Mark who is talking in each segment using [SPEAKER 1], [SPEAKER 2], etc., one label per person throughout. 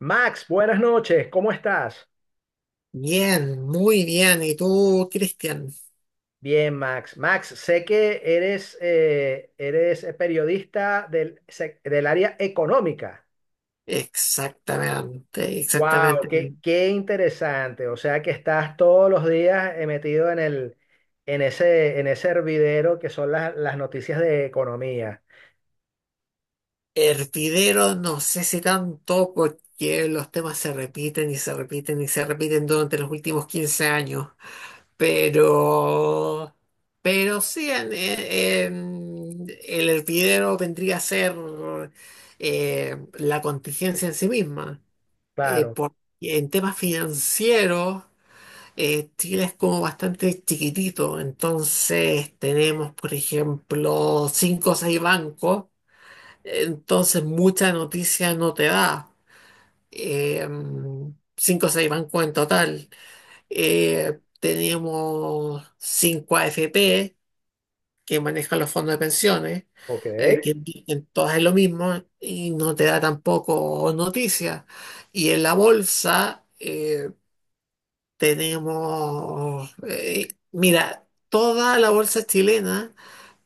[SPEAKER 1] Max, buenas noches, ¿cómo estás?
[SPEAKER 2] Bien, muy bien. ¿Y tú, Cristian?
[SPEAKER 1] Bien, Max. Max, sé que eres periodista del área económica.
[SPEAKER 2] Exactamente,
[SPEAKER 1] ¡Wow!
[SPEAKER 2] exactamente.
[SPEAKER 1] ¡Qué interesante! O sea que estás todos los días metido en ese hervidero que son las noticias de economía.
[SPEAKER 2] Hervidero, no sé si tanto porque los temas se repiten durante los últimos 15 años, pero, pero sí, el hervidero vendría a ser la contingencia en sí misma. Eh,
[SPEAKER 1] Claro.
[SPEAKER 2] por- en temas financieros. Chile es como bastante chiquitito, entonces tenemos, por ejemplo, 5 o 6 bancos, entonces mucha noticia no te da. Eh, 5 o 6 bancos en total. Tenemos 5 AFP que manejan los fondos de pensiones,
[SPEAKER 1] Ok.
[SPEAKER 2] que invierten todas es lo mismo y no te da tampoco noticia. Y en la bolsa, tenemos, mira, toda la bolsa chilena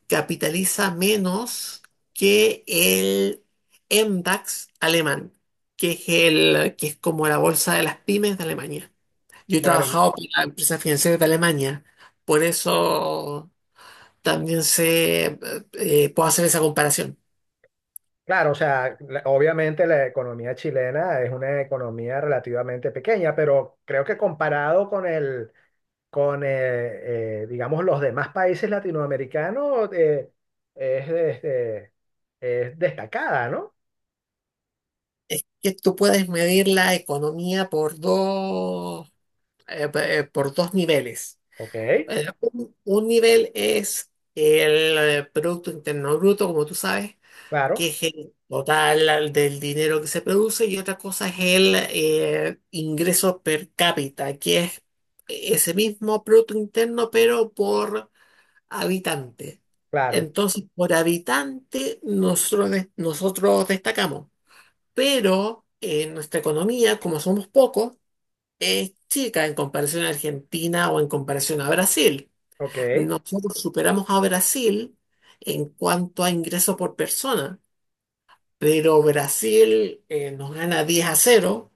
[SPEAKER 2] capitaliza menos que el MDAX alemán, que es como la bolsa de las pymes de Alemania. Yo he
[SPEAKER 1] Bueno,
[SPEAKER 2] trabajado con la empresa financiera de Alemania, por eso también sé, puedo hacer esa comparación.
[SPEAKER 1] claro, o sea, obviamente la economía chilena es una economía relativamente pequeña, pero creo que comparado con el con, digamos, los demás países latinoamericanos es, este, es destacada, ¿no?
[SPEAKER 2] Que tú puedes medir la economía por dos niveles.
[SPEAKER 1] Ok,
[SPEAKER 2] Un nivel es el Producto Interno Bruto, como tú sabes, que
[SPEAKER 1] claro,
[SPEAKER 2] es el del dinero que se produce, y otra cosa es el ingreso per cápita, que es ese mismo Producto Interno, pero por habitante.
[SPEAKER 1] claro,
[SPEAKER 2] Entonces, por habitante, nosotros destacamos, pero en nuestra economía, como somos pocos, es chica en comparación a Argentina o en comparación a Brasil.
[SPEAKER 1] ok.
[SPEAKER 2] Nosotros superamos a Brasil en cuanto a ingreso por persona, pero Brasil nos gana 10-0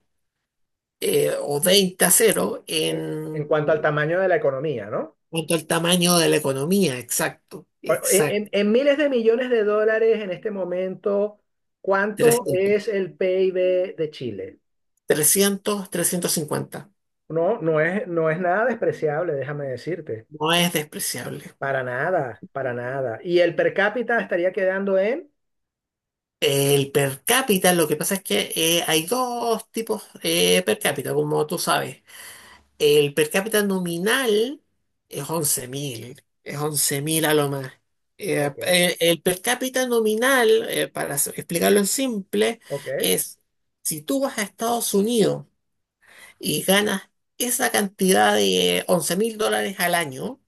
[SPEAKER 2] o 20-0
[SPEAKER 1] En, en cuanto al
[SPEAKER 2] en
[SPEAKER 1] tamaño de la economía, ¿no?
[SPEAKER 2] cuanto al tamaño de la economía, exacto,
[SPEAKER 1] O- En, en-
[SPEAKER 2] exacto.
[SPEAKER 1] en miles de millones de dólares en este momento, ¿cuánto
[SPEAKER 2] Trescientos,
[SPEAKER 1] es el PIB de Chile?
[SPEAKER 2] 350.
[SPEAKER 1] No, no es nada despreciable, déjame decirte.
[SPEAKER 2] No es despreciable.
[SPEAKER 1] Para nada, para nada. Y el per cápita estaría quedando en.
[SPEAKER 2] El per cápita, lo que pasa es que hay dos tipos per cápita, como tú sabes. El per cápita nominal es 11.000, es 11.000 a lo más. Eh,
[SPEAKER 1] Ok,
[SPEAKER 2] eh, el, per cápita nominal, explicarlo en simple,
[SPEAKER 1] ok,
[SPEAKER 2] es si tú vas a Estados Unidos y ganas esa cantidad de US$11.000 al año,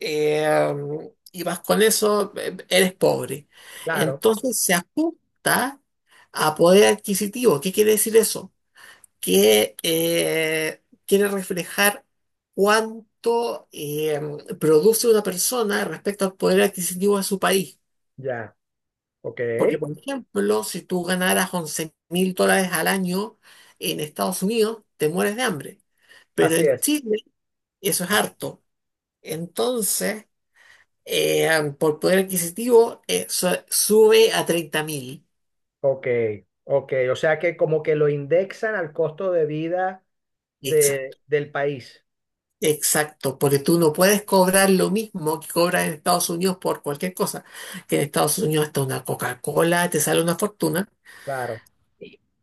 [SPEAKER 2] eh, y vas con eso, eres pobre.
[SPEAKER 1] claro,
[SPEAKER 2] Entonces se ajusta a poder adquisitivo. ¿Qué quiere decir eso? Que quiere reflejar cuánto produce una persona respecto al poder adquisitivo de su país.
[SPEAKER 1] ya. Ok,
[SPEAKER 2] Porque, por ejemplo, si tú ganaras US$11.000 al año en Estados Unidos, te mueres de hambre. Pero
[SPEAKER 1] así
[SPEAKER 2] en
[SPEAKER 1] es.
[SPEAKER 2] Chile eso es harto. Entonces, eh, por poder adquisitivo, sube a 30.000.
[SPEAKER 1] Ok, ok. O sea que como que lo indexan al costo de vida del país.
[SPEAKER 2] Exacto, porque tú no puedes cobrar lo mismo que cobras en Estados Unidos por cualquier cosa. Que en Estados Unidos hasta una Coca-Cola te sale una fortuna.
[SPEAKER 1] Claro,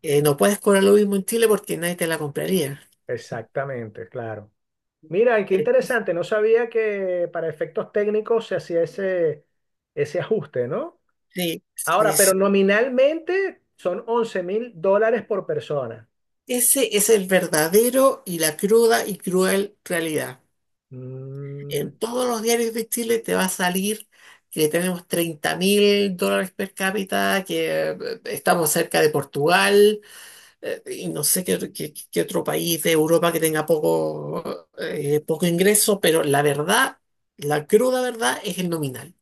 [SPEAKER 2] No puedes cobrar lo mismo en Chile porque nadie te la compraría.
[SPEAKER 1] exactamente, claro. Mira, y qué
[SPEAKER 2] Eh,
[SPEAKER 1] interesante. No sabía que para efectos técnicos se hacía ese ajuste, ¿no?
[SPEAKER 2] sí,
[SPEAKER 1] Ahora,
[SPEAKER 2] sí,
[SPEAKER 1] pero
[SPEAKER 2] sí.
[SPEAKER 1] nominalmente son 11.000 dólares por persona.
[SPEAKER 2] Ese es el verdadero y la cruda y cruel realidad.
[SPEAKER 1] Mm.
[SPEAKER 2] En todos los diarios de Chile te va a salir que tenemos US$30.000 per cápita, que estamos cerca de Portugal y no sé qué, qué otro país de Europa que tenga poco, poco ingreso, pero la verdad, la cruda verdad es el nominal.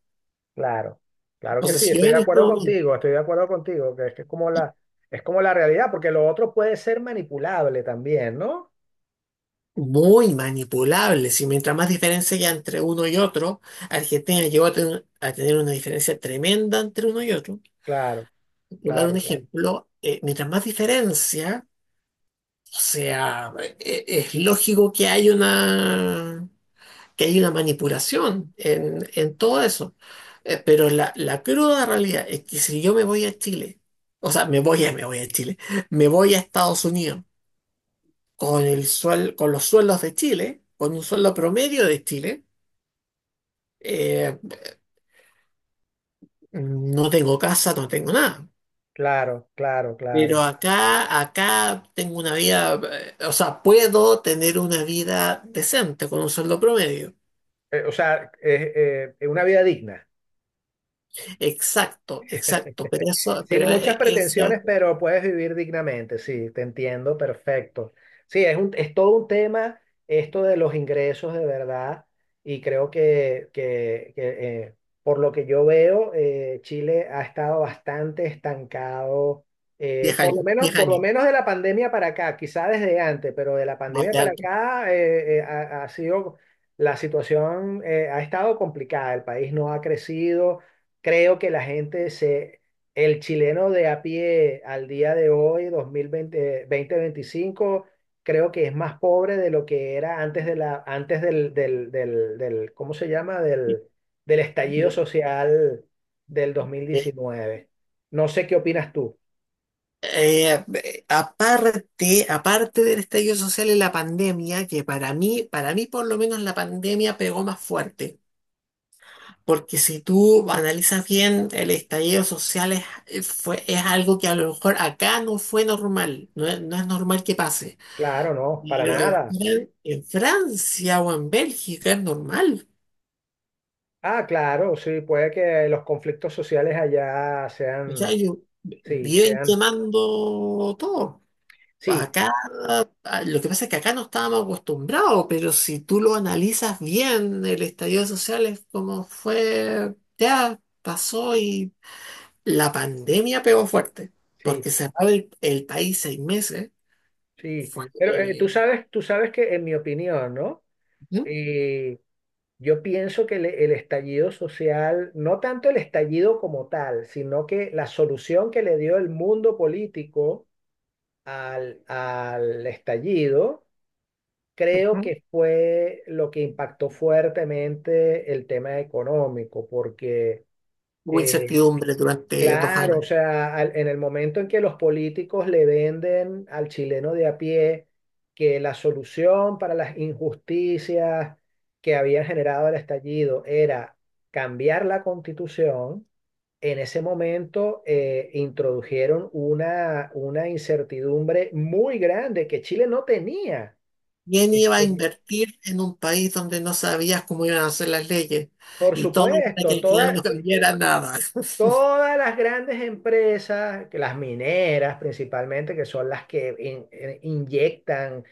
[SPEAKER 1] Claro, claro que
[SPEAKER 2] Entonces,
[SPEAKER 1] sí,
[SPEAKER 2] si
[SPEAKER 1] estoy
[SPEAKER 2] yo
[SPEAKER 1] de
[SPEAKER 2] en este
[SPEAKER 1] acuerdo
[SPEAKER 2] momento,
[SPEAKER 1] contigo, estoy de acuerdo contigo, que es como la realidad, porque lo otro puede ser manipulable también, ¿no?
[SPEAKER 2] muy manipulable, si mientras más diferencia haya entre uno y otro, Argentina llegó a tener una diferencia tremenda entre uno y otro.
[SPEAKER 1] Claro,
[SPEAKER 2] Por dar un
[SPEAKER 1] claro, claro,
[SPEAKER 2] ejemplo, mientras más diferencia, o sea, es lógico que hay que hay una manipulación en todo eso. Pero la cruda realidad es que si yo me voy a Chile, o sea, me voy a Chile, me voy a Estados Unidos con los sueldos de Chile, con un sueldo promedio de Chile, eh, no tengo casa, no tengo nada.
[SPEAKER 1] claro, claro, claro.
[SPEAKER 2] Pero acá, acá tengo una vida, o sea, puedo tener una vida decente con un sueldo promedio.
[SPEAKER 1] O sea, es una vida digna.
[SPEAKER 2] Exacto, exacto, pero eso,
[SPEAKER 1] Sin muchas
[SPEAKER 2] eso
[SPEAKER 1] pretensiones, pero puedes vivir dignamente, sí, te entiendo, perfecto. Sí, es todo un tema esto de los ingresos de verdad y creo que, eh, por lo que yo veo, Chile ha estado bastante estancado,
[SPEAKER 2] diez años, 10
[SPEAKER 1] por lo
[SPEAKER 2] años.
[SPEAKER 1] menos de la pandemia para acá, quizá desde antes, pero de la
[SPEAKER 2] No
[SPEAKER 1] pandemia para
[SPEAKER 2] tanto.
[SPEAKER 1] acá ha sido, la situación ha estado complicada, el país no ha crecido. Creo que la gente se, el chileno de a pie al día de hoy, 2020, veinticinco, creo que es más pobre de lo que era antes del ¿cómo se llama?
[SPEAKER 2] Eh,
[SPEAKER 1] Del estallido social del 2019. No sé qué opinas tú.
[SPEAKER 2] Aparte del estallido social y la pandemia, que para mí por lo menos la pandemia pegó más fuerte. Porque si tú analizas bien, el estallido social es algo que a lo mejor acá no fue normal, no es, no es normal que pase.
[SPEAKER 1] Claro, no, para
[SPEAKER 2] Pero
[SPEAKER 1] nada.
[SPEAKER 2] en Francia o en Bélgica es normal.
[SPEAKER 1] Ah, claro, sí, puede que los conflictos sociales allá
[SPEAKER 2] O sea, ellos viven
[SPEAKER 1] sean,
[SPEAKER 2] quemando todo.
[SPEAKER 1] sí,
[SPEAKER 2] Acá, ah, lo que pasa es que acá no estábamos acostumbrados, pero si tú lo analizas bien, el estallido social es como fue, ya pasó y la pandemia pegó fuerte,
[SPEAKER 1] sí,
[SPEAKER 2] porque cerrar el país 6 meses
[SPEAKER 1] sí.
[SPEAKER 2] fue,
[SPEAKER 1] Pero
[SPEAKER 2] eh,
[SPEAKER 1] tú sabes que en mi opinión, ¿no?
[SPEAKER 2] ¿Sí?
[SPEAKER 1] eh, yo pienso que el estallido social, no tanto el estallido como tal, sino que la solución que le dio el mundo político al estallido, creo
[SPEAKER 2] Ujú.
[SPEAKER 1] que fue lo que impactó fuertemente el tema económico, porque
[SPEAKER 2] Hubo
[SPEAKER 1] eh,
[SPEAKER 2] incertidumbre durante dos
[SPEAKER 1] Claro, o
[SPEAKER 2] años.
[SPEAKER 1] sea, en el momento en que los políticos le venden al chileno de a pie que la solución para las injusticias que habían generado el estallido era cambiar la constitución, en ese momento introdujeron una incertidumbre muy grande que Chile no tenía.
[SPEAKER 2] ¿Quién iba a
[SPEAKER 1] Este,
[SPEAKER 2] invertir en un país donde no sabías cómo iban a ser las leyes?
[SPEAKER 1] por
[SPEAKER 2] Y todo para que
[SPEAKER 1] supuesto,
[SPEAKER 2] al final no
[SPEAKER 1] toda.
[SPEAKER 2] cambiara nada.
[SPEAKER 1] Todas las grandes empresas, que las mineras principalmente, que son las que inyectan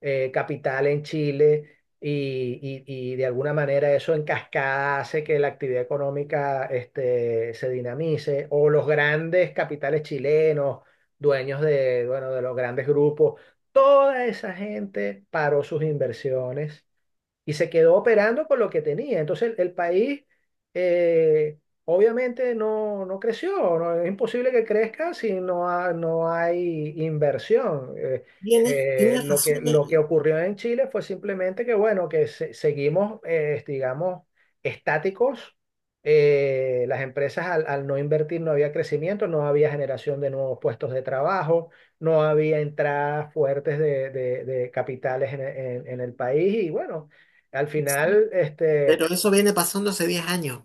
[SPEAKER 1] capital en Chile y, y de alguna manera eso en cascada hace que la actividad económica este, se dinamice, o los grandes capitales chilenos, dueños de, bueno, de los grandes grupos, toda esa gente paró sus inversiones y se quedó operando con lo que tenía. Entonces el país, eh, obviamente no, no creció, es imposible que crezca si no, no hay inversión. Eh,
[SPEAKER 2] Tienes,
[SPEAKER 1] eh,
[SPEAKER 2] tienes
[SPEAKER 1] lo
[SPEAKER 2] razón.
[SPEAKER 1] que, lo que ocurrió en Chile fue simplemente que, bueno, seguimos, digamos, estáticos. Las empresas al no invertir no había crecimiento, no había generación de nuevos puestos de trabajo, no había entradas fuertes de capitales en, e- en en el país y bueno, al
[SPEAKER 2] Sí.
[SPEAKER 1] final, este,
[SPEAKER 2] Pero eso viene pasando hace 10 años,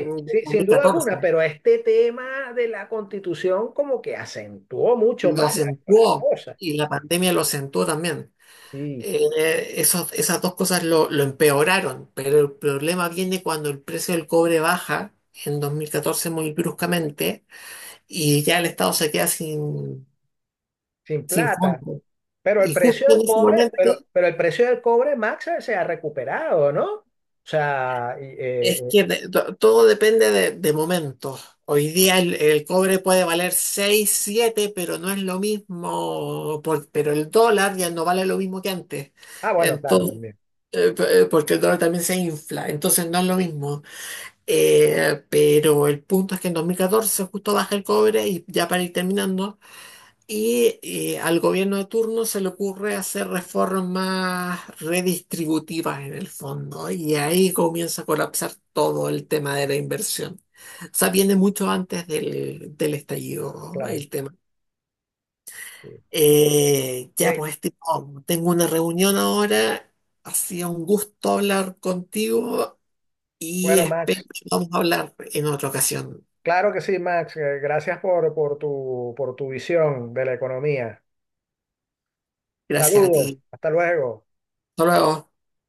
[SPEAKER 2] en el dos
[SPEAKER 1] sí, sin
[SPEAKER 2] mil
[SPEAKER 1] duda alguna,
[SPEAKER 2] catorce
[SPEAKER 1] pero este tema de la constitución como que acentuó mucho
[SPEAKER 2] Lo
[SPEAKER 1] más la
[SPEAKER 2] acentuó
[SPEAKER 1] cosa,
[SPEAKER 2] y la pandemia lo acentuó también.
[SPEAKER 1] sí,
[SPEAKER 2] Esas dos cosas lo empeoraron, pero el problema viene cuando el precio del cobre baja en 2014 muy bruscamente y ya el Estado se queda sin,
[SPEAKER 1] sin
[SPEAKER 2] sin
[SPEAKER 1] plata.
[SPEAKER 2] fondos.
[SPEAKER 1] Pero el
[SPEAKER 2] Y justo
[SPEAKER 1] precio
[SPEAKER 2] en
[SPEAKER 1] del
[SPEAKER 2] ese
[SPEAKER 1] cobre,
[SPEAKER 2] momento
[SPEAKER 1] pero el precio del cobre, Max, se ha recuperado, ¿no? O sea, y,
[SPEAKER 2] es que todo depende de momentos. Hoy día el cobre puede valer 6 7 pero no es lo mismo, pero el dólar ya no vale lo mismo que antes.
[SPEAKER 1] bueno, claro,
[SPEAKER 2] Entonces,
[SPEAKER 1] también,
[SPEAKER 2] porque el dólar también se infla, entonces no es lo mismo. Pero el punto es que en 2014 justo baja el cobre, y ya para ir terminando. Y al gobierno de turno se le ocurre hacer reformas redistributivas en el fondo, y ahí comienza a colapsar todo el tema de la inversión. O sea, viene mucho antes del, del estallido
[SPEAKER 1] claro.
[SPEAKER 2] el tema.
[SPEAKER 1] Sí.
[SPEAKER 2] Ya,
[SPEAKER 1] Que,
[SPEAKER 2] pues, este, oh, tengo una reunión ahora, ha sido un gusto hablar contigo y
[SPEAKER 1] bueno,
[SPEAKER 2] espero
[SPEAKER 1] Max,
[SPEAKER 2] que vamos a hablar en otra ocasión.
[SPEAKER 1] claro que sí, Max, gracias por tu visión de la economía.
[SPEAKER 2] Gracias a
[SPEAKER 1] Saludos,
[SPEAKER 2] ti.
[SPEAKER 1] hasta luego.
[SPEAKER 2] Hasta luego.